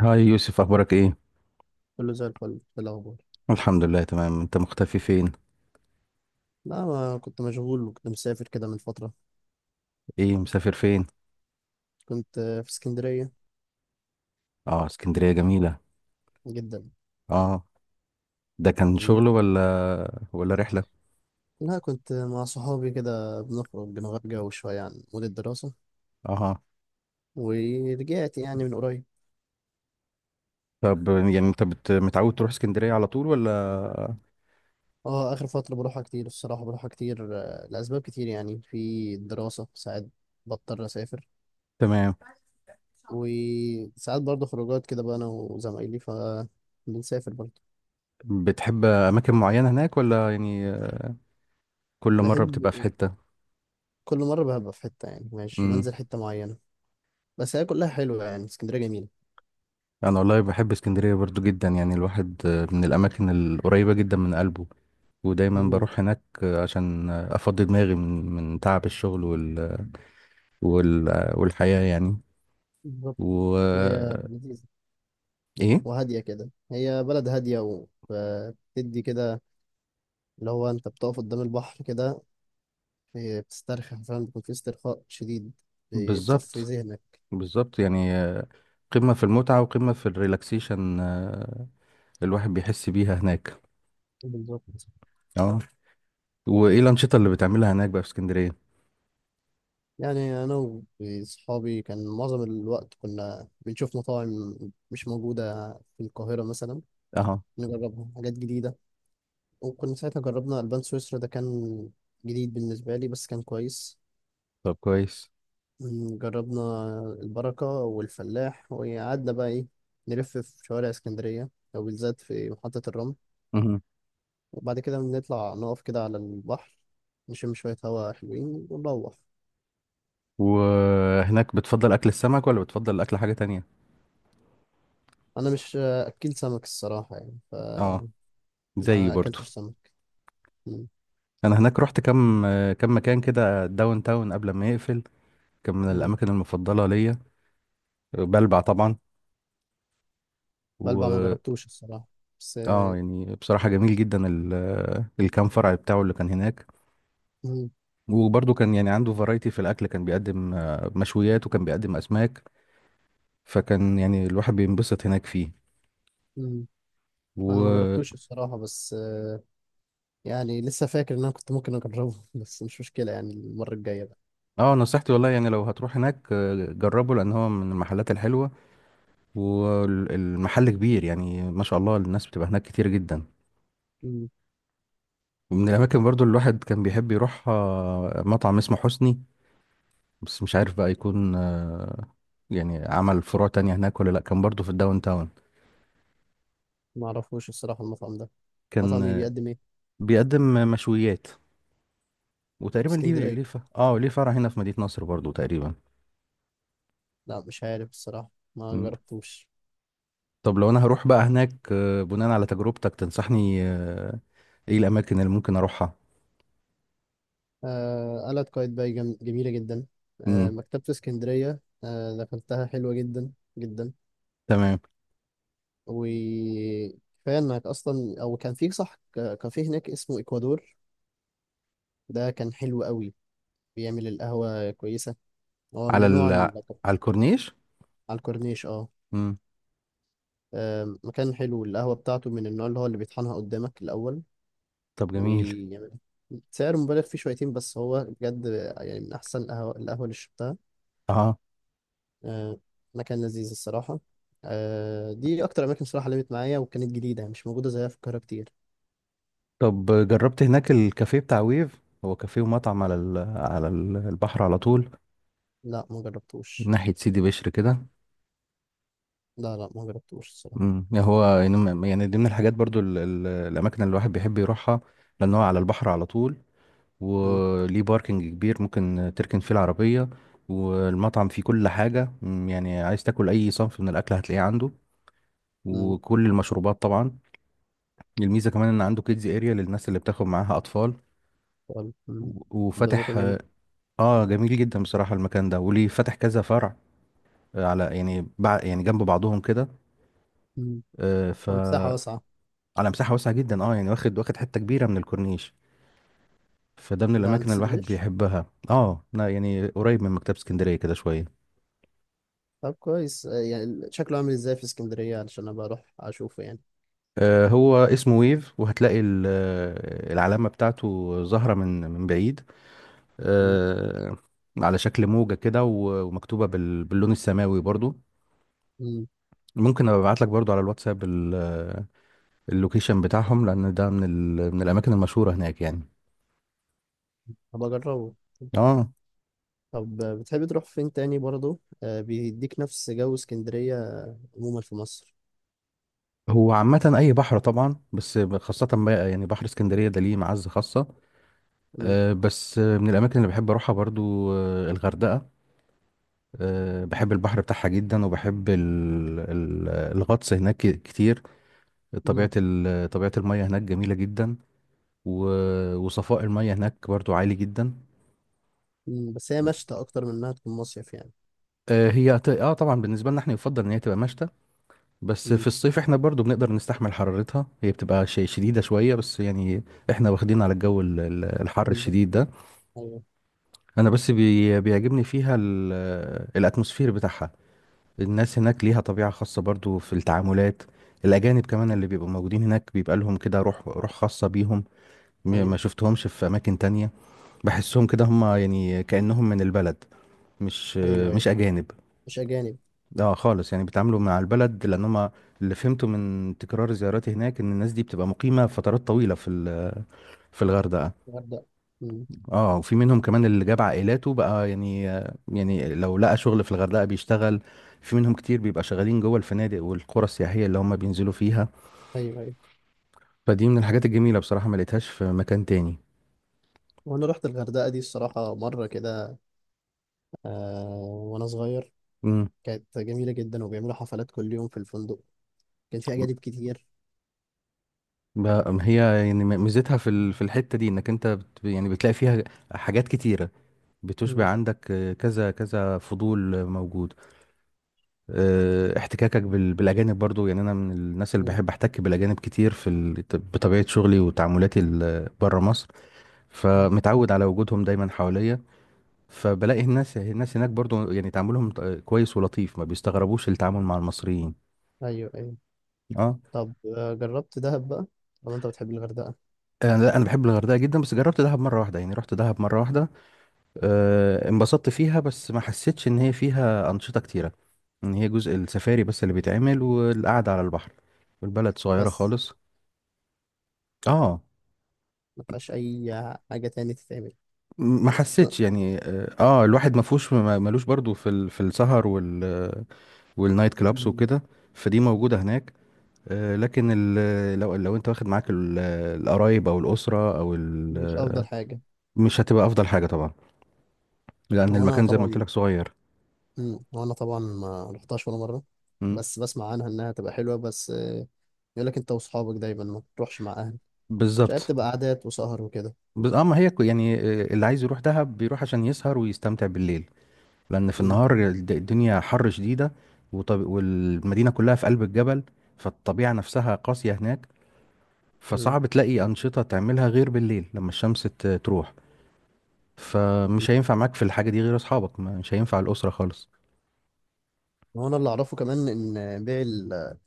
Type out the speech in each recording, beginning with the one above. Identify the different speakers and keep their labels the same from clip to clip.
Speaker 1: هاي يوسف، اخبارك ايه؟
Speaker 2: كله زي الفل. إيه الأخبار؟
Speaker 1: الحمد لله تمام. انت مختفي فين؟
Speaker 2: لا، ما كنت مشغول وكنت مسافر كده من فترة.
Speaker 1: ايه، مسافر فين؟
Speaker 2: كنت في اسكندرية.
Speaker 1: اه، اسكندرية جميلة.
Speaker 2: جدا.
Speaker 1: اه. ده كان
Speaker 2: مم.
Speaker 1: شغل ولا رحلة؟
Speaker 2: لا، كنت مع صحابي كده بنخرج بنغير جو شوية عن مود الدراسة.
Speaker 1: اه.
Speaker 2: ورجعت يعني من قريب.
Speaker 1: طب يعني متعود تروح اسكندرية على طول ولا؟
Speaker 2: اه، آخر فترة بروحها كتير الصراحة، بروحها كتير، لأسباب كتير، يعني في الدراسة ساعات بضطر أسافر.
Speaker 1: تمام.
Speaker 2: وساعات برضه خروجات كده، بقى أنا وزمايلي فبنسافر برضه.
Speaker 1: بتحب اماكن معينة هناك ولا يعني كل مرة
Speaker 2: بحب.
Speaker 1: بتبقى في حتة؟
Speaker 2: كل مرة ببقى في حتة، يعني مش
Speaker 1: امم.
Speaker 2: بنزل حتة معينة. بس هي كلها حلوة، يعني اسكندرية جميلة.
Speaker 1: انا والله بحب اسكندرية برضو جدا. يعني الواحد من الاماكن القريبة جدا من قلبه، ودايما
Speaker 2: مم،
Speaker 1: بروح هناك عشان افضي دماغي من تعب الشغل وال... والحياة يعني.
Speaker 2: بالظبط. هي
Speaker 1: و
Speaker 2: لذيذة.
Speaker 1: ايه؟
Speaker 2: وهادية كده، هي بلد هادية. وبتدي كده، اللي هو أنت بتقف قدام البحر كده، إيه، بتسترخي، فاهم؟ بيكون في استرخاء شديد. بتصفي
Speaker 1: بالظبط.
Speaker 2: ذهنك.
Speaker 1: بالظبط يعني قمة في المتعة وقمة في الريلاكسيشن. الواحد بيحس بيها هناك.
Speaker 2: بالظبط.
Speaker 1: اه. وايه الأنشطة اللي بتعملها هناك بقى في اسكندرية؟
Speaker 2: يعني أنا وصحابي، كان معظم الوقت كنا بنشوف مطاعم مش موجودة في القاهرة مثلا،
Speaker 1: اه.
Speaker 2: نجربها حاجات جديدة. وكنا ساعتها جربنا ألبان سويسرا، ده كان جديد بالنسبة لي بس كان كويس.
Speaker 1: طب كويس.
Speaker 2: جربنا البركة والفلاح، وقعدنا بقى إيه، نلف في شوارع اسكندرية، أو بالذات في محطة الرمل.
Speaker 1: مهم.
Speaker 2: وبعد كده بنطلع نقف كده على البحر، نشم شوية هوا حلوين ونروح.
Speaker 1: وهناك بتفضل أكل السمك ولا بتفضل أكل حاجة تانية؟
Speaker 2: أنا مش أكل سمك الصراحة، يعني
Speaker 1: اه،
Speaker 2: فما
Speaker 1: زيي برضو.
Speaker 2: أكلتش سمك. مم.
Speaker 1: أنا هناك رحت كم مكان كده داون تاون قبل ما يقفل، كان من
Speaker 2: مم.
Speaker 1: الأماكن المفضلة ليا. بلبع
Speaker 2: بلبع ما
Speaker 1: طبعا.
Speaker 2: جربتوش الصراحة، بس.
Speaker 1: اه يعني بصراحة جميل جدا الكام فرع بتاعه اللي كان هناك.
Speaker 2: مم.
Speaker 1: وبرضه كان يعني عنده فرايتي في الأكل، كان بيقدم مشويات وكان بيقدم أسماك، فكان يعني الواحد بينبسط هناك فيه.
Speaker 2: مم. أنا ما
Speaker 1: و
Speaker 2: جربتوش الصراحة، بس. يعني لسه فاكر إن أنا كنت ممكن أجربه بس مش مشكلة، يعني المرة الجاية بقى.
Speaker 1: اه، نصيحتي والله يعني لو هتروح هناك جربه، لأن هو من المحلات الحلوة والمحل كبير. يعني ما شاء الله الناس بتبقى هناك كتير جدا. ومن الأماكن برضه اللي الواحد كان بيحب يروح مطعم اسمه حسني، بس مش عارف بقى يكون يعني عمل فروع تانية هناك ولا لأ. كان برضه في الداون تاون،
Speaker 2: ما اعرفوش الصراحه المطعم ده.
Speaker 1: كان
Speaker 2: مطعم ايه؟ بيقدم ايه؟
Speaker 1: بيقدم مشويات.
Speaker 2: في
Speaker 1: وتقريبا ليه
Speaker 2: اسكندريه.
Speaker 1: ليه ف... اه ليه فرع هنا في مدينة نصر برضو تقريبا.
Speaker 2: لا، مش عارف الصراحه، ما
Speaker 1: مم.
Speaker 2: جربتوش.
Speaker 1: طب لو انا هروح بقى هناك بناء على تجربتك تنصحني ايه الاماكن اللي ممكن اروحها؟
Speaker 2: آه، قلعة قايتباي جميله جدا. آه،
Speaker 1: مم.
Speaker 2: مكتبه اسكندريه، آه، دخلتها حلوه جدا. جدا.
Speaker 1: تمام.
Speaker 2: وكفايه انك اصلا، او كان في صح، كافيه هناك اسمه اكوادور. ده كان حلو قوي. بيعمل القهوه كويسه. هو
Speaker 1: على
Speaker 2: من نوع ال...
Speaker 1: على الكورنيش.
Speaker 2: على الكورنيش، اه.
Speaker 1: مم.
Speaker 2: مكان حلو. القهوه بتاعته من النوع اللي هو اللي بيطحنها قدامك الاول.
Speaker 1: طب جميل.
Speaker 2: ويعمل سعر مبالغ فيه شويتين، بس هو بجد، يعني من أحسن القهوة اللي شربتها.
Speaker 1: اه.
Speaker 2: آه، مكان لذيذ الصراحة. دي أكتر أماكن صراحة لمت معايا، وكانت جديدة مش موجودة زيها في القاهرة كتير.
Speaker 1: طب جربت هناك الكافيه بتاع ويف؟ هو كافيه ومطعم على على البحر على طول،
Speaker 2: لا، ما جربتوش.
Speaker 1: ناحية سيدي بشر كده.
Speaker 2: لا لا، ما جربتوش الصراحة.
Speaker 1: مم. يعني يعني دي من الحاجات برضو الاماكن اللي الواحد بيحب يروحها، لان هو على البحر على طول
Speaker 2: مم.
Speaker 1: وليه باركنج كبير ممكن تركن فيه العربية. والمطعم فيه كل حاجة، يعني عايز تاكل أي صنف من الأكل هتلاقيه عنده،
Speaker 2: مم.
Speaker 1: وكل المشروبات طبعا. الميزة كمان إن عنده كيدز اريا للناس اللي بتاخد معاها أطفال.
Speaker 2: طب. مم. طب ده
Speaker 1: وفاتح.
Speaker 2: مكان جامد.
Speaker 1: اه جميل جدا بصراحة المكان ده، وليه فاتح كذا فرع على يعني جنب بعضهم كده.
Speaker 2: مم.
Speaker 1: آه، ف
Speaker 2: طب مساحة واسعة.
Speaker 1: على مساحة واسعة جدا. اه يعني واخد حتة كبيرة من الكورنيش، فده من
Speaker 2: ده
Speaker 1: الأماكن
Speaker 2: عند
Speaker 1: اللي
Speaker 2: سيدي
Speaker 1: الواحد
Speaker 2: بشر.
Speaker 1: بيحبها. اه لا، يعني قريب من مكتبة اسكندرية كده شوية.
Speaker 2: طب كويس، يعني شكله عامل ازاي في اسكندرية علشان أبقى أروح أشوفه يعني.
Speaker 1: هو اسمه ويف، وهتلاقي العلامة بتاعته ظاهرة من بعيد،
Speaker 2: مم.
Speaker 1: آه، على شكل موجة كده، ومكتوبة باللون السماوي برضو.
Speaker 2: مم.
Speaker 1: ممكن ابعت لك برضو على الواتساب اللوكيشن بتاعهم، لان ده من من الاماكن المشهورة هناك يعني.
Speaker 2: هبقى أجربه.
Speaker 1: اه.
Speaker 2: طب بتحب تروح فين تاني برضه، بيديك نفس جو اسكندرية عموما في مصر؟
Speaker 1: هو عامة أي بحر طبعا، بس خاصة بقى يعني بحر اسكندرية ده ليه معزة خاصة.
Speaker 2: مم.
Speaker 1: بس من الأماكن اللي بحب أروحها برضو الغردقة. بحب البحر بتاعها جدا، وبحب الغطس هناك كتير.
Speaker 2: مم.
Speaker 1: طبيعة المياه هناك جميلة جدا، وصفاء المياه هناك برضو عالي جدا.
Speaker 2: مم. بس هي مشتى أكتر من إنها تكون مصيف يعني.
Speaker 1: آه، هي ت- اه طبعا بالنسبة لنا احنا يفضل ان هي تبقى مشتى، بس
Speaker 2: مم.
Speaker 1: في الصيف احنا برضو بنقدر نستحمل حرارتها. هي بتبقى شيء شديدة شوية بس يعني احنا واخدين على الجو الحر
Speaker 2: بالظبط.
Speaker 1: الشديد ده.
Speaker 2: أيوه.
Speaker 1: انا بس بيعجبني فيها الاتموسفير بتاعها. الناس هناك ليها طبيعة خاصة برضو في التعاملات. الأجانب كمان اللي بيبقوا موجودين هناك بيبقى لهم كده روح خاصة بيهم، ما
Speaker 2: أيوه.
Speaker 1: شفتهمش في أماكن تانية. بحسهم كده هم يعني كأنهم من البلد، مش
Speaker 2: أيوه أيوه.
Speaker 1: أجانب.
Speaker 2: مش أجانب.
Speaker 1: اه خالص، يعني بيتعاملوا مع البلد لأن هم، اللي فهمته من تكرار زياراتي هناك، إن الناس دي بتبقى مقيمة فترات طويلة في في الغردقة.
Speaker 2: الغردقة. مم.
Speaker 1: اه، وفي منهم كمان اللي جاب عائلاته بقى. يعني يعني لو لقى شغل في الغردقة بيشتغل. في منهم كتير بيبقى شغالين جوه الفنادق والقرى السياحية اللي هم بينزلوا فيها.
Speaker 2: أيوه أيوه.
Speaker 1: فدي من الحاجات الجميلة بصراحة، ما لقيتهاش في مكان تاني.
Speaker 2: وأنا رحت الغردقة دي الصراحة مرة كده، آه وأنا صغير.
Speaker 1: امم.
Speaker 2: كانت جميلة جدا، وبيعملوا حفلات كل يوم في الفندق. كان في أجانب كتير.
Speaker 1: ب- هي يعني ميزتها في في الحتة دي انك انت يعني بتلاقي فيها حاجات كتيرة، بتشبع
Speaker 2: مم.
Speaker 1: عندك كذا فضول موجود. احتكاكك بالاجانب برضو. يعني انا من الناس اللي
Speaker 2: مم.
Speaker 1: بحب احتك بالاجانب كتير في بطبيعة شغلي وتعاملاتي بره مصر،
Speaker 2: مم.
Speaker 1: فمتعود على وجودهم دايما حواليا. فبلاقي الناس هناك برضو يعني تعاملهم كويس ولطيف، ما بيستغربوش التعامل مع المصريين.
Speaker 2: أيوه أيوه.
Speaker 1: اه.
Speaker 2: طب، جربت دهب بقى؟ طب أنت بتحب الغردقة.
Speaker 1: انا لا، انا بحب الغردقه جدا. بس جربت دهب مره واحده، يعني رحت دهب مره واحده. انبسطت فيها بس ما حسيتش ان هي فيها انشطه كتيره، ان هي جزء السفاري بس اللي بيتعمل والقعده على البحر، والبلد صغيره
Speaker 2: بس
Speaker 1: خالص. اه.
Speaker 2: ما فيهاش أي حاجة تاني تتعمل.
Speaker 1: ما
Speaker 2: بس لا.
Speaker 1: حسيتش يعني، الواحد ما فيهوش ملوش برضو في في السهر والنايت كلابس
Speaker 2: مم.
Speaker 1: وكده، فدي موجوده هناك. لكن لو انت واخد معاك القرايب او الاسره او
Speaker 2: مش أفضل حاجة.
Speaker 1: مش هتبقى افضل حاجه طبعا، لان
Speaker 2: هو أنا
Speaker 1: المكان زي ما قلت
Speaker 2: طبعا.
Speaker 1: لك صغير.
Speaker 2: مم. وانا طبعا ما رحتهاش ولا مره.
Speaker 1: مم.
Speaker 2: بس بسمع عنها انها تبقى حلوه، بس. يقول لك انت واصحابك دايما، ما تروحش مع اهل. مش عارف،
Speaker 1: بالظبط.
Speaker 2: تبقى قعدات وسهر وكده.
Speaker 1: بس اه، ما هي كو- يعني اللي عايز يروح دهب بيروح عشان يسهر ويستمتع بالليل، لان في
Speaker 2: مم.
Speaker 1: النهار الدنيا حر شديده. والمدينه كلها في قلب الجبل، فالطبيعه نفسها قاسيه هناك،
Speaker 2: مم.
Speaker 1: فصعب تلاقي انشطه تعملها غير بالليل لما الشمس تروح. فمش هينفع معاك في الحاجه دي غير اصحابك، مش هينفع الاسره خالص.
Speaker 2: هو انا اللي اعرفه كمان، ان بيع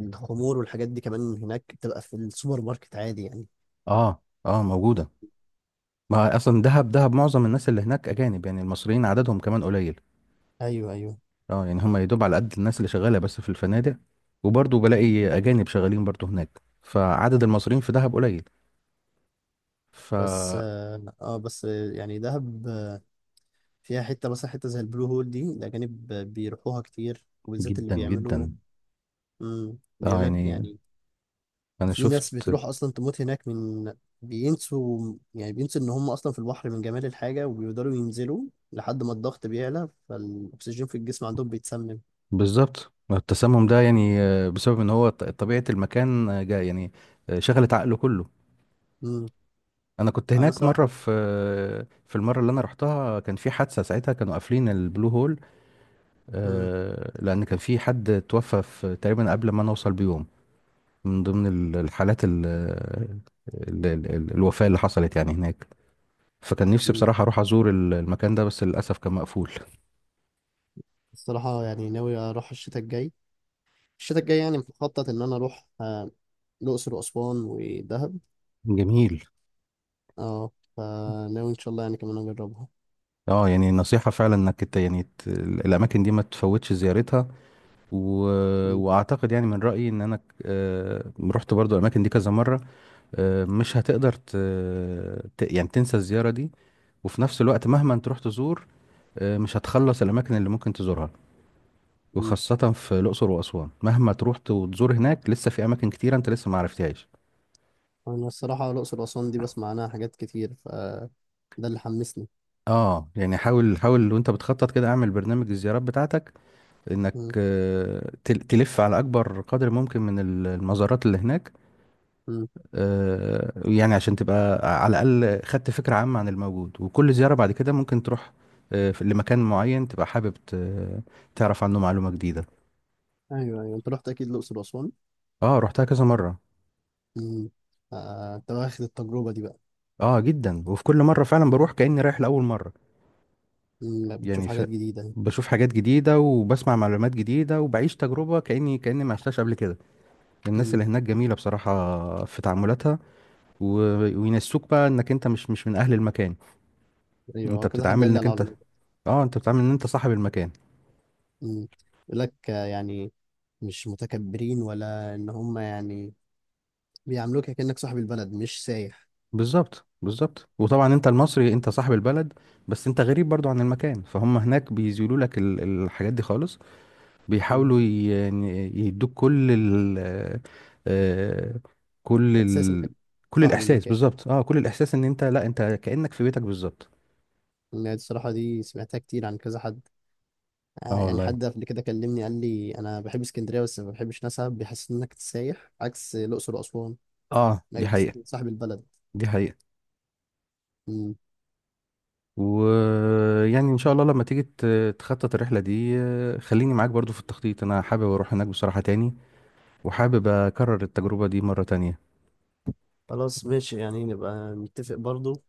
Speaker 2: الخمور والحاجات دي كمان هناك بتبقى في السوبر ماركت عادي يعني.
Speaker 1: اه، اه موجودة. ما اصلا دهب معظم الناس اللي هناك اجانب، يعني المصريين عددهم كمان قليل.
Speaker 2: ايوه ايوه.
Speaker 1: اه يعني هم يدوب على قد الناس اللي شغالة بس في الفنادق، وبرضه بلاقي اجانب شغالين برضه هناك، فعدد المصريين في دهب قليل. ف
Speaker 2: بس اه آه، بس آه، يعني دهب، فيها حته مثلا حته زي البلو هول دي، الاجانب بيروحوها كتير، وبالذات اللي
Speaker 1: جدا
Speaker 2: بيعملوا.
Speaker 1: جدا.
Speaker 2: مم. بيقول
Speaker 1: اه
Speaker 2: لك
Speaker 1: يعني
Speaker 2: يعني
Speaker 1: انا
Speaker 2: في ناس
Speaker 1: شفت.
Speaker 2: بتروح اصلا تموت هناك من، يعني بينسوا ان هم اصلا في البحر من جمال الحاجه، وبيقدروا ينزلوا لحد ما الضغط بيعلى، فالاكسجين في الجسم عندهم بيتسمم.
Speaker 1: بالظبط. التسمم
Speaker 2: مم.
Speaker 1: ده يعني بسبب ان هو طبيعة المكان جا يعني شغلت عقله كله.
Speaker 2: مم.
Speaker 1: انا كنت
Speaker 2: انا
Speaker 1: هناك مرة
Speaker 2: صراحه.
Speaker 1: في في المرة اللي انا رحتها، كان في حادثة ساعتها كانوا قافلين البلو هول.
Speaker 2: مم.
Speaker 1: لان كان في حد توفى في تقريبا قبل ما انا اوصل بيوم، من ضمن الحالات الوفاة اللي حصلت يعني هناك. فكان نفسي
Speaker 2: مم.
Speaker 1: بصراحة اروح ازور المكان ده، بس للاسف كان مقفول.
Speaker 2: الصراحه يعني ناوي اروح الشتاء الجاي، الشتاء الجاي، يعني مخطط ان انا اروح الاقصر واسوان ودهب.
Speaker 1: جميل.
Speaker 2: اه. فناوي ان شاء الله يعني كمان اجربها.
Speaker 1: اه يعني نصيحة فعلا يعني الاماكن دي ما تفوتش زيارتها. و...
Speaker 2: مم.
Speaker 1: واعتقد يعني من رأيي ان انا رحت برضو الاماكن دي كذا مرة، مش هتقدر يعني تنسى الزيارة دي. وفي نفس الوقت مهما انت رحت تزور، مش هتخلص الأماكن اللي ممكن تزورها.
Speaker 2: مم.
Speaker 1: وخاصة في الأقصر وأسوان، مهما تروح وتزور هناك، لسه في أماكن كتيرة أنت لسه ما عرفتهاش.
Speaker 2: انا الصراحه، الاقصر واسوان دي بسمع عنها حاجات كتير، فده اللي حمسني.
Speaker 1: اه يعني حاول وانت بتخطط كده، اعمل برنامج الزيارات بتاعتك انك
Speaker 2: مم.
Speaker 1: تلف على اكبر قدر ممكن من المزارات اللي هناك.
Speaker 2: مم.
Speaker 1: يعني عشان تبقى على الاقل خدت فكرة عامة عن الموجود، وكل زيارة بعد كده ممكن تروح لمكان معين تبقى حابب تعرف عنه معلومة جديدة.
Speaker 2: ايوه ايوه، انت رحت اكيد الاقصر واسوان.
Speaker 1: اه رحتها كذا مرة.
Speaker 2: امم. انت واخد التجربه دي بقى.
Speaker 1: اه جدا، وفي كل مرة فعلا بروح كأني رايح لأول مرة.
Speaker 2: امم، بتشوف
Speaker 1: يعني ف...
Speaker 2: حاجات جديده.
Speaker 1: بشوف حاجات جديدة وبسمع معلومات جديدة وبعيش تجربة كأني ما عشتهاش قبل كده. الناس
Speaker 2: امم.
Speaker 1: اللي هناك جميلة بصراحة في تعاملاتها. و... وينسوك بقى انك انت مش من اهل المكان. انت
Speaker 2: ايوه، كذا حد
Speaker 1: بتتعامل
Speaker 2: قال لي
Speaker 1: انك
Speaker 2: على
Speaker 1: انت.
Speaker 2: الموضوع.
Speaker 1: اه انت بتتعامل ان انت صاحب المكان.
Speaker 2: امم. يقول لك يعني مش متكبرين، ولا ان هم يعني بيعاملوك كأنك صاحب البلد مش سايح.
Speaker 1: بالظبط. بالظبط، وطبعا انت المصري انت صاحب البلد، بس انت غريب برضو عن المكان، فهم هناك بيزيلوا لك الحاجات دي خالص،
Speaker 2: مم.
Speaker 1: بيحاولوا يعني يدوك كل ال آه، كل
Speaker 2: احساس
Speaker 1: ال
Speaker 2: انك
Speaker 1: كل
Speaker 2: صاحب
Speaker 1: الاحساس.
Speaker 2: المكان.
Speaker 1: بالظبط. اه كل الاحساس ان انت، لا انت كأنك في بيتك بالظبط.
Speaker 2: يعني الصراحه دي سمعتها كتير عن كذا حد.
Speaker 1: اه
Speaker 2: يعني
Speaker 1: والله.
Speaker 2: حد قبل كده كلمني، قال لي: انا بحب اسكندريه بس ما بحبش ناسها، بيحسسني انك سايح، عكس الاقصر واسوان،
Speaker 1: اه
Speaker 2: انك
Speaker 1: دي
Speaker 2: بيحسسك
Speaker 1: حقيقة.
Speaker 2: إنك صاحب البلد.
Speaker 1: دي حقيقة. ويعني ان شاء الله لما تيجي تخطط الرحلة دي، خليني معاك برضو في التخطيط. انا حابب اروح هناك بصراحة تاني، وحابب اكرر التجربة دي مرة تانية.
Speaker 2: خلاص ماشي، يعني نبقى نتفق برضو.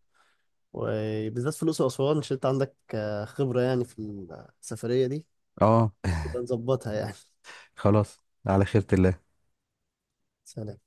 Speaker 2: وبالذات فلوس أسوان، عشان أنت عندك خبرة يعني في السفرية دي.
Speaker 1: اه
Speaker 2: يبقى نظبطها يعني
Speaker 1: خلاص. على خيرة الله.
Speaker 2: سلام.